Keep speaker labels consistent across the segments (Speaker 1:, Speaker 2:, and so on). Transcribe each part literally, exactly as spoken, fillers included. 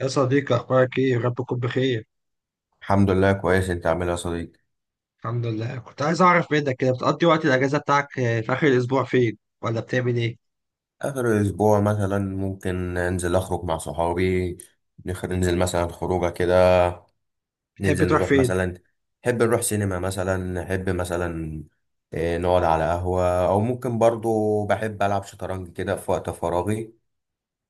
Speaker 1: يا صديقي، أخبارك إيه؟ رب تكون بخير.
Speaker 2: الحمد لله كويس. انت عامل ايه يا صديقي؟
Speaker 1: الحمد لله. كنت عايز أعرف منك كده، بتقضي وقت الأجازة بتاعك آه، في آخر الأسبوع فين؟ ولا بتعمل إيه؟
Speaker 2: اخر اسبوع مثلا ممكن انزل اخرج مع صحابي. نخ- ننزل مثلا خروجه كده.
Speaker 1: بتحب
Speaker 2: ننزل
Speaker 1: تروح
Speaker 2: نروح
Speaker 1: فين؟
Speaker 2: مثلا، نحب نروح سينما مثلا نحب مثلا. اه، نقعد على قهوه او ممكن برضو بحب العب شطرنج كده في وقت فراغي.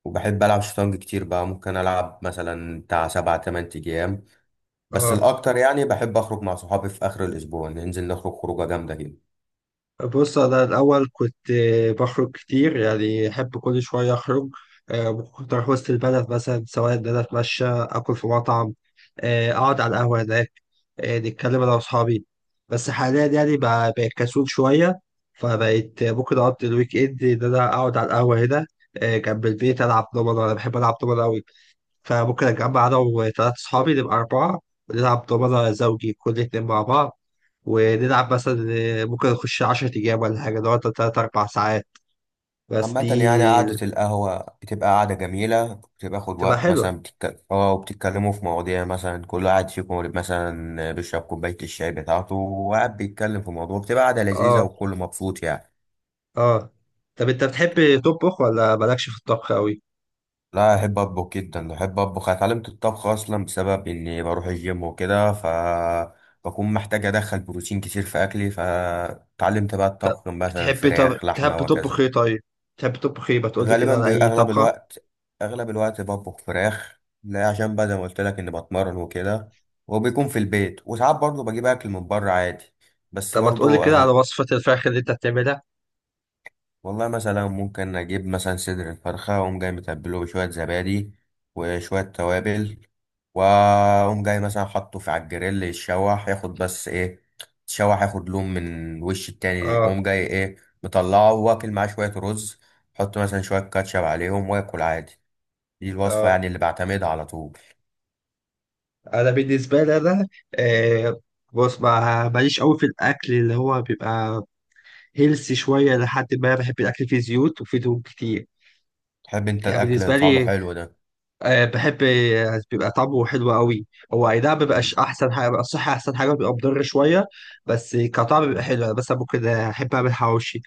Speaker 2: وبحب العب شطرنج كتير بقى، ممكن العب مثلا بتاع سبع تمن ايام. بس
Speaker 1: آه
Speaker 2: الاكتر يعني بحب اخرج مع صحابي في اخر الاسبوع ننزل نخرج خروجه جامده كده.
Speaker 1: بص، أنا الأول كنت آه، بخرج كتير، يعني أحب كل شوية أخرج. آه، كنت أروح وسط البلد مثلا، سواء إن أنا أتمشى، آكل في مطعم، آه، أقعد على القهوة هناك، إيه، نتكلم انا واصحابي. بس حاليا يعني بقى- بقيت كسول شويه، فبقيت ممكن اقضي الويك اند ان انا اقعد على القهوه هنا، إيه، جنب البيت، العب دومنه. انا بحب العب دومنه قوي، فممكن اجمع انا وثلاث اصحابي نبقى اربعه، ونلعب دومنه زوجي كل اتنين مع بعض، ونلعب مثلا إيه، ممكن نخش 10 ايام ولا حاجه، نقعد تلات اربع ساعات. بس
Speaker 2: عامة يعني
Speaker 1: دي
Speaker 2: قعدة القهوة بتبقى قعدة جميلة بتاخد
Speaker 1: تبقى
Speaker 2: وقت
Speaker 1: حلوه.
Speaker 2: مثلا بتتك... اه وبتتكلموا في مواضيع مثلا كل واحد فيكم مثلا بيشرب كوباية الشاي بتاعته وقاعد بيتكلم في موضوع، بتبقى قعدة لذيذة
Speaker 1: اه.
Speaker 2: والكل مبسوط يعني.
Speaker 1: اه. طب انت بتحب تطبخ ولا مالكش في الطبخ قوي؟
Speaker 2: لا أحب أطبخ جدا، أحب أطبخ. أنا اتعلمت الطبخ أصلا بسبب إني بروح الجيم وكده، ف بكون محتاج أدخل بروتين كتير في أكلي، فتعلمت بقى
Speaker 1: طب
Speaker 2: الطبخ مثلا
Speaker 1: بتحبي طب
Speaker 2: فراخ لحمة
Speaker 1: بتحبي تطبخ
Speaker 2: وكذا.
Speaker 1: ايه طيب؟ بتحبي تطبخ ايه؟ ما تقولي كده
Speaker 2: غالبا
Speaker 1: على
Speaker 2: بيبقى
Speaker 1: اي
Speaker 2: اغلب
Speaker 1: طبخة؟
Speaker 2: الوقت، اغلب الوقت بطبخ فراخ، لا عشان بقى زي ما قلت لك اني بتمرن وكده. وبيكون في البيت، وساعات برضه بجيب اكل من بره عادي. بس
Speaker 1: طب ما تقولي
Speaker 2: برضه
Speaker 1: كده على
Speaker 2: أغل...
Speaker 1: وصفة الفراخ اللي انت بتعملها؟
Speaker 2: والله مثلا ممكن اجيب مثلا صدر الفرخه واقوم جاي متبله بشويه زبادي وشويه توابل، واقوم جاي مثلا حاطه في على الجريل يتشوح ياخد بس ايه، يتشوح ياخد لون من وش التاني،
Speaker 1: اه.
Speaker 2: اقوم جاي ايه مطلعه واكل معاه شويه رز. حط مثلا شويه كاتشب عليهم واكل عادي. دي الوصفة
Speaker 1: اه.
Speaker 2: يعني اللي بعتمدها على طول.
Speaker 1: انا بالنسبة لي انا آه بص، ما ماليش قوي في الاكل اللي هو بيبقى هيلثي شوية، لحد ما بحب الاكل فيه زيوت وفيه دهون كتير.
Speaker 2: تحب انت
Speaker 1: يعني
Speaker 2: الاكل اللي
Speaker 1: بالنسبة
Speaker 2: طعمه
Speaker 1: لي
Speaker 2: حلو ده؟
Speaker 1: آه بحب آه، بيبقى طعمه حلو قوي. هو اي نعم مبيبقاش احسن حاجة، بيبقى الصحة احسن حاجة، بيبقى مضر شوية، بس كطعم بيبقى حلو. انا مثلا ممكن احب اعمل حواوشي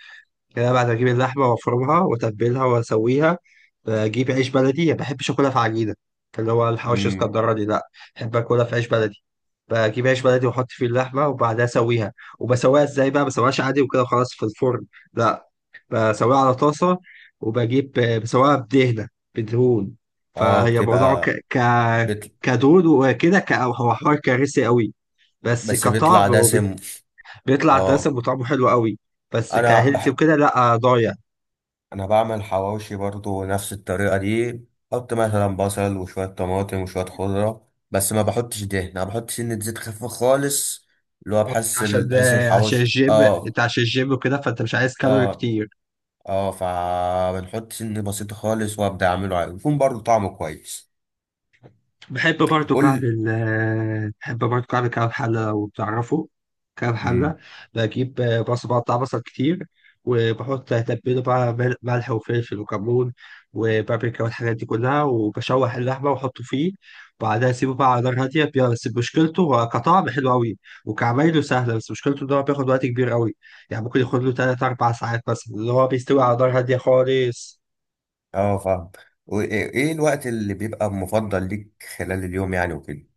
Speaker 1: كده، بعد اجيب اللحمه وافرمها واتبلها واسويها. بجيب عيش بلدي، ما بحبش اكلها في عجينه اللي هو الحواوشي
Speaker 2: امم
Speaker 1: اسكندراني دي، لا، بحب اكلها في عيش بلدي. بجيب عيش بلدي واحط فيه اللحمه وبعدها اسويها. وبسويها ازاي بقى؟ ما بسويهاش عادي وكده خلاص في الفرن، لا، بسويها على طاسه. وبجيب بسويها بدهنه، بدهون.
Speaker 2: اه،
Speaker 1: فهي موضوع ك...
Speaker 2: بتبقى
Speaker 1: ك...
Speaker 2: بت...
Speaker 1: كدهون وكده. ك... هو حوار كارثي قوي، بس
Speaker 2: بس بيطلع
Speaker 1: كطعم هو
Speaker 2: دسم.
Speaker 1: بيطلع دسم
Speaker 2: اه،
Speaker 1: وطعمه حلو قوي. بس
Speaker 2: انا
Speaker 1: كهيلثي
Speaker 2: بح...
Speaker 1: وكده لا، ضايع.
Speaker 2: انا بعمل حواوشي برضو نفس الطريقة دي. حط مثلا بصل وشوية طماطم وشوية خضرة، بس ما بحطش دهن، انا بحط سنة زيت خفيفة خالص. اللي هو بحس
Speaker 1: عشان
Speaker 2: ال... بحس
Speaker 1: آه، عشان
Speaker 2: الحواوشي
Speaker 1: الجيم، انت
Speaker 2: اه
Speaker 1: عشان الجيم وكده فانت مش عايز كالوري
Speaker 2: اه
Speaker 1: كتير.
Speaker 2: اه فبنحط سنة بسيطة خالص وابدا اعمله عادي. يكون برضو طعمه كويس.
Speaker 1: بحب برضو كعب
Speaker 2: قول.
Speaker 1: ال آه، بحب برضو كعب كعب حلة، لو بتعرفه. كعب حلة،
Speaker 2: مم.
Speaker 1: بجيب بصل، بقطع بصل كتير، وبحط تتبيله بقى، مل- ملح وفلفل وكمون وبابريكا والحاجات دي كلها، وبشوح اللحمة وأحطه فيه، وبعدها أسيبه بقى على نار هادية. بي- بس مشكلته هو كطعم حلو أوي وكعمايله سهلة، بس مشكلته إن هو بياخد وقت كبير أوي. يعني ممكن ياخد له تلات أربع ساعات مثلا، اللي هو بيستوي على نار هادية خالص.
Speaker 2: اه فاهم. وايه إيه الوقت اللي بيبقى مفضل ليك خلال اليوم يعني وكده؟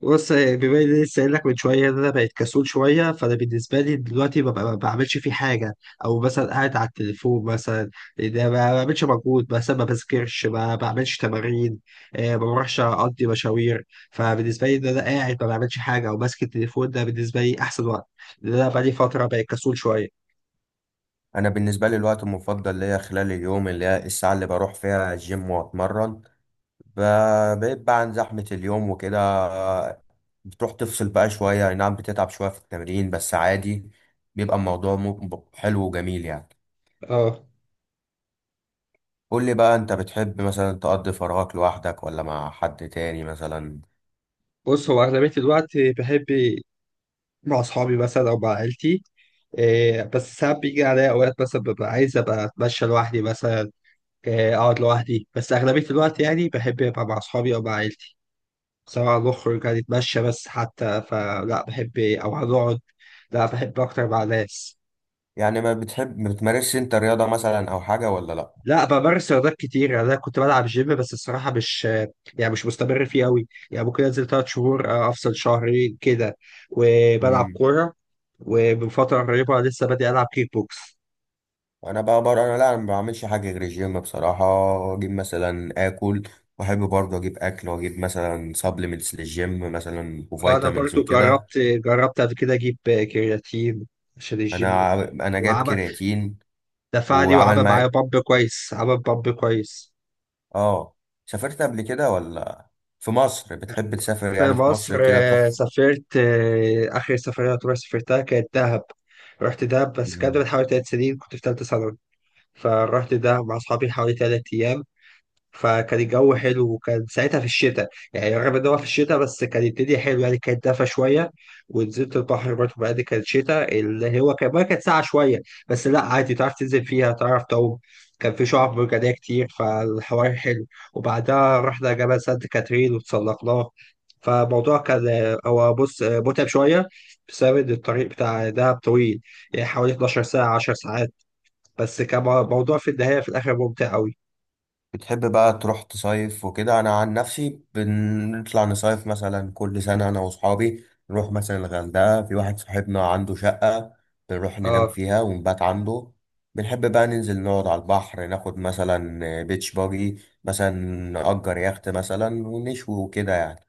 Speaker 1: بص، بما اني لسه قايل لك من شويه ان انا بقيت كسول شويه، فانا بالنسبه لي دلوقتي ما ب- ما بعملش فيه حاجه، او مثلا قاعد على التليفون مثلا. ده ما بعملش مجهود، مثلا ما بذاكرش، ما بعملش تمارين، آه، ما بروحش اقضي مشاوير. فبالنسبه لي ان انا قاعد ما بعملش حاجه او ماسك التليفون ده، بالنسبه لي احسن وقت، لان انا بقالي فتره بقيت كسول شويه.
Speaker 2: انا بالنسبه لي الوقت المفضل ليا خلال اليوم اللي هي الساعه اللي بروح فيها الجيم واتمرن. ب- بيبقى عن زحمه اليوم وكده. بتروح تفصل بقى شويه، أي نعم بتتعب شويه في التمرين بس عادي. بيبقى الموضوع م- حلو وجميل يعني.
Speaker 1: اه.
Speaker 2: قول لي بقى، انت بتحب مثلا تقضي فراغك لوحدك ولا مع حد تاني مثلا؟
Speaker 1: بص، هو اغلبيه الوقت بحب مع اصحابي مثلا او مع عيلتي. إيه بس ساعات بيجي عليا اوقات مثلا ببقى عايز ابقى اتمشى لوحدي مثلا، آه، اقعد لوحدي، بس اغلبيه الوقت يعني بحب ابقى مع اصحابي او مع عيلتي، سواء نخرج هنتمشى بس حتى فلا بحب، او هنقعد، لا، بحب اكتر مع ناس.
Speaker 2: يعني ما بتحب، ما بتمارسش انت رياضه مثلا او حاجه ولا لا؟
Speaker 1: لا، بمارس رياضات كتير. يعني انا كنت بلعب جيم، بس الصراحه مش يعني مش مستمر فيه قوي. يعني ممكن انزل ثلاث شهور، آه، افصل شهرين كده، وبلعب
Speaker 2: مم.
Speaker 1: كوره، ومن فتره قريبه لسه بادئ العب كيك بوكس.
Speaker 2: انا بقى بره انا، لا انا ما بعملش حاجه غير الجيم بصراحه. اجيب مثلا اكل، واحب برضه اجيب اكل واجيب مثلا سبلمنتس للجيم مثلا
Speaker 1: انا
Speaker 2: وفيتامينز
Speaker 1: برضو
Speaker 2: وكده.
Speaker 1: جربت جربت قبل كده اجيب كرياتين عشان الجيم
Speaker 2: انا
Speaker 1: وكده.
Speaker 2: انا جايب
Speaker 1: وعمل
Speaker 2: كرياتين
Speaker 1: دفعني
Speaker 2: وعمل
Speaker 1: وعمل معايا
Speaker 2: معايا.
Speaker 1: بامب كويس، عمل بامب كويس.
Speaker 2: اه، سافرت قبل كده ولا؟ في مصر بتحب تسافر
Speaker 1: في
Speaker 2: يعني؟ في
Speaker 1: مصر
Speaker 2: مصر كده
Speaker 1: آه،
Speaker 2: تروح؟
Speaker 1: سافرت. آه، آخر سفرية يعتبر سافرتها كانت دهب. رحت دهب بس كانت من حوالي تلات سنين، كنت في تالتة ثانوي، فرحت دهب مع أصحابي حوالي تلات أيام. فكان الجو حلو وكان ساعتها في الشتاء، يعني رغم ان هو في الشتاء بس كان الدنيا حلوه، يعني كانت دافى شويه. ونزلت البحر برضه، بعد كانت شتاء اللي هو كان بقى، كانت ساعة شويه، بس لا عادي، تعرف تنزل فيها، تعرف تعوم. كان في شعاب مرجانيه كتير، فالحوار حلو. وبعدها رحنا جبل سانت كاترين وتسلقناه. فالموضوع كان هو بص متعب شويه بسبب إن الطريق بتاع دهب طويل، يعني حوالي اتناشر ساعة ساعه 10 ساعات، بس كان موضوع في النهايه في الاخر ممتع قوي.
Speaker 2: بتحب بقى تروح تصيف وكده؟ انا عن نفسي بنطلع نصيف مثلا كل سنه انا واصحابي. نروح مثلا الغردقه، في واحد صاحبنا عنده شقه بنروح ننام
Speaker 1: اه.
Speaker 2: فيها ونبات عنده. بنحب بقى ننزل نقعد على البحر ناخد مثلا بيتش باجي مثلا، نأجر يخت مثلا ونشوي وكده يعني.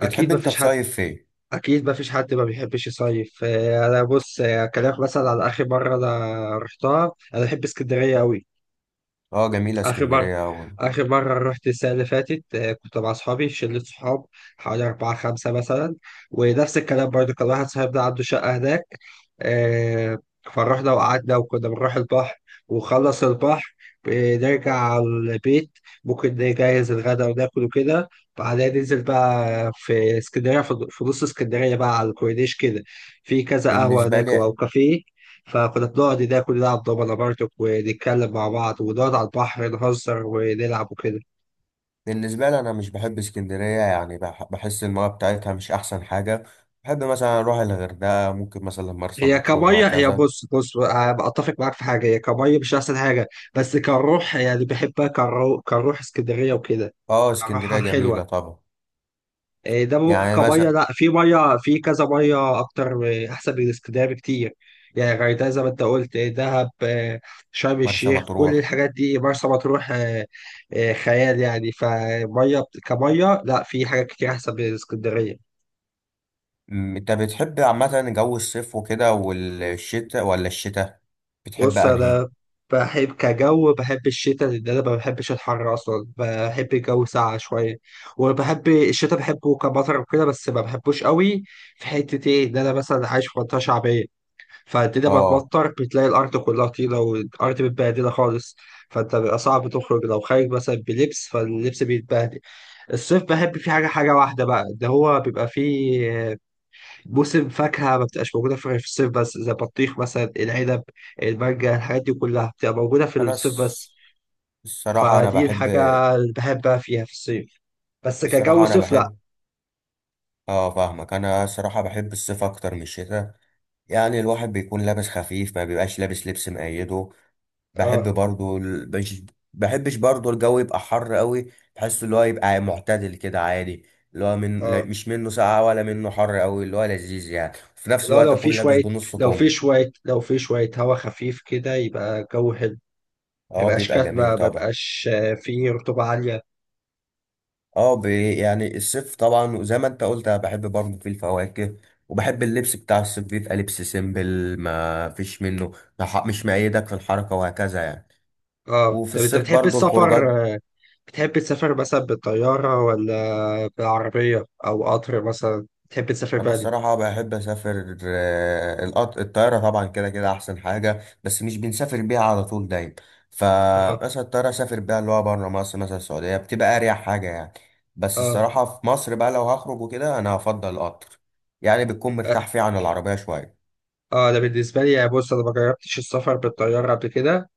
Speaker 2: بتحب انت
Speaker 1: مفيش حد
Speaker 2: تصيف فين؟
Speaker 1: اكيد ما فيش حد ما بيحبش يصيف. آه، انا بص، آه، اكلمك مثلا على اخر مره انا رحتها، انا بحب اسكندريه قوي.
Speaker 2: اه جميله
Speaker 1: آخر مرة
Speaker 2: اسكندريه أوي.
Speaker 1: آخر مرة رحت السنة اللي فاتت، آه، كنت مع أصحابي شلة صحاب حوالي أربعة خمسة مثلا. ونفس الكلام برضه، كان واحد صاحبنا عنده شقة هناك، آه، فرحنا وقعدنا وكنا بنروح البحر، وخلص البحر بنرجع على البيت، ممكن نجهز الغدا وناكل وكده. بعدها ننزل بقى في اسكندرية، في في نص اسكندرية بقى، على الكورنيش كده، في كذا قهوة
Speaker 2: بالنسبه
Speaker 1: هناك
Speaker 2: لي،
Speaker 1: أو كافيه، فكنا بنقعد ناكل، نلعب دومنا برضك، ونتكلم مع بعض ونقعد على البحر نهزر ونلعب وكده.
Speaker 2: بالنسبة لي أنا مش بحب اسكندرية يعني. بح- بحس المياه بتاعتها مش أحسن حاجة. بحب مثلا أروح الغردقة، ممكن مثلا مرسى
Speaker 1: هي
Speaker 2: مطروح
Speaker 1: كمية هي
Speaker 2: وهكذا.
Speaker 1: بص، بص أنا أتفق معاك في حاجة، هي كمية مش أحسن حاجة، بس كروح يعني بحبها كروح. كروح اسكندرية وكده،
Speaker 2: أه
Speaker 1: كروحها
Speaker 2: اسكندرية
Speaker 1: حلوة.
Speaker 2: جميلة طبعا.
Speaker 1: إيه ده ممكن
Speaker 2: يعني
Speaker 1: كميه
Speaker 2: مثلا
Speaker 1: لا، في ميه، في كذا ميه اكتر إيه، احسن من اسكندريه بكتير. يعني غردقه زي ما انت قلت، إيه، دهب، إيه، شرم
Speaker 2: مرسى
Speaker 1: الشيخ، كل
Speaker 2: مطروح.
Speaker 1: الحاجات دي، مرسى مطروح، إيه، إيه، خيال يعني. فميه بت- كميه لا، في حاجات كتير احسن من اسكندريه.
Speaker 2: أمم، أنت بتحب عامة جو الصيف وكده والشتاء، ولا الشتاء؟ بتحب
Speaker 1: بص
Speaker 2: أنهي؟
Speaker 1: انا بحب كجو، بحب الشتاء لان انا ما بحبش الحر اصلا، بحب الجو ساقع شويه. وبحب الشتاء، بحبه كمطر وكده، بس ما بحبوش قوي، في حته ايه، ان انا مثلا عايش في منطقه شعبيه، فالدنيا بقت
Speaker 2: أه
Speaker 1: مطر بتلاقي الأرض كلها طينة، والأرض متبهدلة خالص، فأنت بيبقى صعب تخرج، لو خارج مثلا بلبس فاللبس بيتبهدل. الصيف بحب فيه حاجة حاجة واحدة بقى، ده هو بيبقى فيه موسم فاكهة ما بتبقاش موجودة في غير في الصيف بس، زي البطيخ مثلا، العنب، المانجا، الحاجات دي كلها بتبقى موجودة في
Speaker 2: أنا
Speaker 1: الصيف
Speaker 2: الص-
Speaker 1: بس،
Speaker 2: الصراحة أنا
Speaker 1: فدي
Speaker 2: بحب،
Speaker 1: الحاجة اللي بحبها فيها في الصيف، بس كجو
Speaker 2: الصراحة أنا
Speaker 1: صيف لأ.
Speaker 2: بحب. أه فاهمك، أنا الصراحة بحب الصيف أكتر من الشتاء. يعني الواحد بيكون لابس خفيف، ما بيبقاش لابس لبس مقيده. بحب
Speaker 1: اه.
Speaker 2: برضو ال... مش بحبش برضو الجو يبقى حر قوي. بحس اللي هو يبقى معتدل كده عادي، اللي هو من لا-
Speaker 1: اه.
Speaker 2: مش منه ساقع ولا منه حر قوي، اللي هو لذيذ يعني وفي نفس
Speaker 1: لا،
Speaker 2: الوقت
Speaker 1: لو في
Speaker 2: اكون لابس
Speaker 1: شوية
Speaker 2: بنص
Speaker 1: لو في
Speaker 2: كم.
Speaker 1: شوية لو في شوية هوا خفيف كده، يبقى جو حلو، ما
Speaker 2: اه
Speaker 1: يبقاش
Speaker 2: بيبقى
Speaker 1: كاتبة،
Speaker 2: جميل
Speaker 1: ما
Speaker 2: طبعا.
Speaker 1: يبقاش آه، فيه رطوبة عالية.
Speaker 2: اه ب... يعني الصيف طبعا زي ما انت قلت أنا بحب برضو فيه الفواكه، وبحب اللبس بتاع الصيف بيبقى لبس سيمبل، ما فيش منه ما ح- مش مقيدك في الحركة وهكذا يعني.
Speaker 1: اه.
Speaker 2: وفي
Speaker 1: طب انت
Speaker 2: الصيف
Speaker 1: بتحب
Speaker 2: برضو
Speaker 1: السفر؟
Speaker 2: الخروجات.
Speaker 1: آه، بتحب تسافر مثلا بالطيارة ولا بالعربية او قطر مثلا؟ بتحب تسافر
Speaker 2: انا
Speaker 1: بقى؟
Speaker 2: الصراحه بحب اسافر. آه، القط- الطياره طبعا كده كده احسن حاجه، بس مش بنسافر بيها على طول دايما.
Speaker 1: اه.
Speaker 2: فمثلا الطياره اسافر بيها اللي هو بره مصر مثلا السعوديه بتبقى اريح حاجه يعني. بس
Speaker 1: اه.
Speaker 2: الصراحه في مصر بقى لو هخرج وكده انا هفضل القطر. يعني بتكون
Speaker 1: اه.
Speaker 2: مرتاح فيه عن العربيه شويه.
Speaker 1: آه، انا بالنسبة لي يعني، بص، انا ما جربتش السفر بالطيارة قبل كده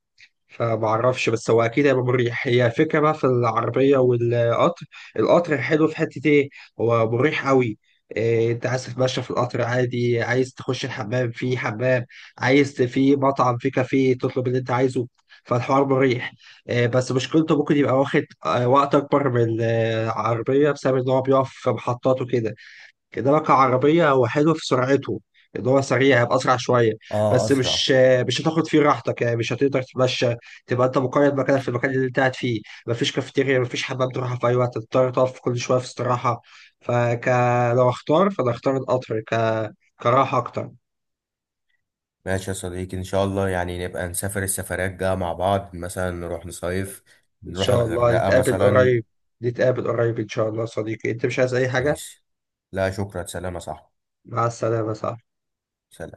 Speaker 1: فمعرفش، بس هو اكيد هيبقى مريح. هي فكره بقى في العربيه والقطر. القطر حلو في حته ايه، هو مريح قوي، إيه انت عايز تتمشى في القطر عادي، عايز تخش الحمام، في حمام، عايز ت- في مطعم، في كافيه تطلب اللي انت عايزه، فالحوار مريح. إيه بس مشكلته، ممكن يبقى واخد آه، وقت اكبر من آه، العربيه، بسبب ان هو بيقف في محطات وكده. كده لك عربية، هو حلو في سرعته، اللي هو سريع، هيبقى أسرع شوية،
Speaker 2: اه
Speaker 1: بس
Speaker 2: اسرع.
Speaker 1: مش مش هتاخد فيه راحتك، يعني مش هتقدر تتمشى، تبقى أنت مقيد مكانك في المكان اللي أنت قاعد فيه، مفيش كافيتيريا، مفيش حمام تروحها في أي وقت، هتضطر تقف كل شوية في استراحة. فك لو أختار فأنا أختار القطر ك... كراحة أكتر.
Speaker 2: ماشي يا صديقي، ان شاء الله يعني نبقى نسافر السفرات الجايه مع بعض مثلا، نروح نصيف
Speaker 1: إن
Speaker 2: نروح
Speaker 1: شاء الله
Speaker 2: الغردقه
Speaker 1: نتقابل
Speaker 2: مثلا.
Speaker 1: قريب. نتقابل قريب إن شاء الله يا صديقي. أنت مش عايز أي حاجة؟
Speaker 2: ماشي. لا شكرا، سلام يا صاحبي.
Speaker 1: مع السلامة. صح.
Speaker 2: سلام.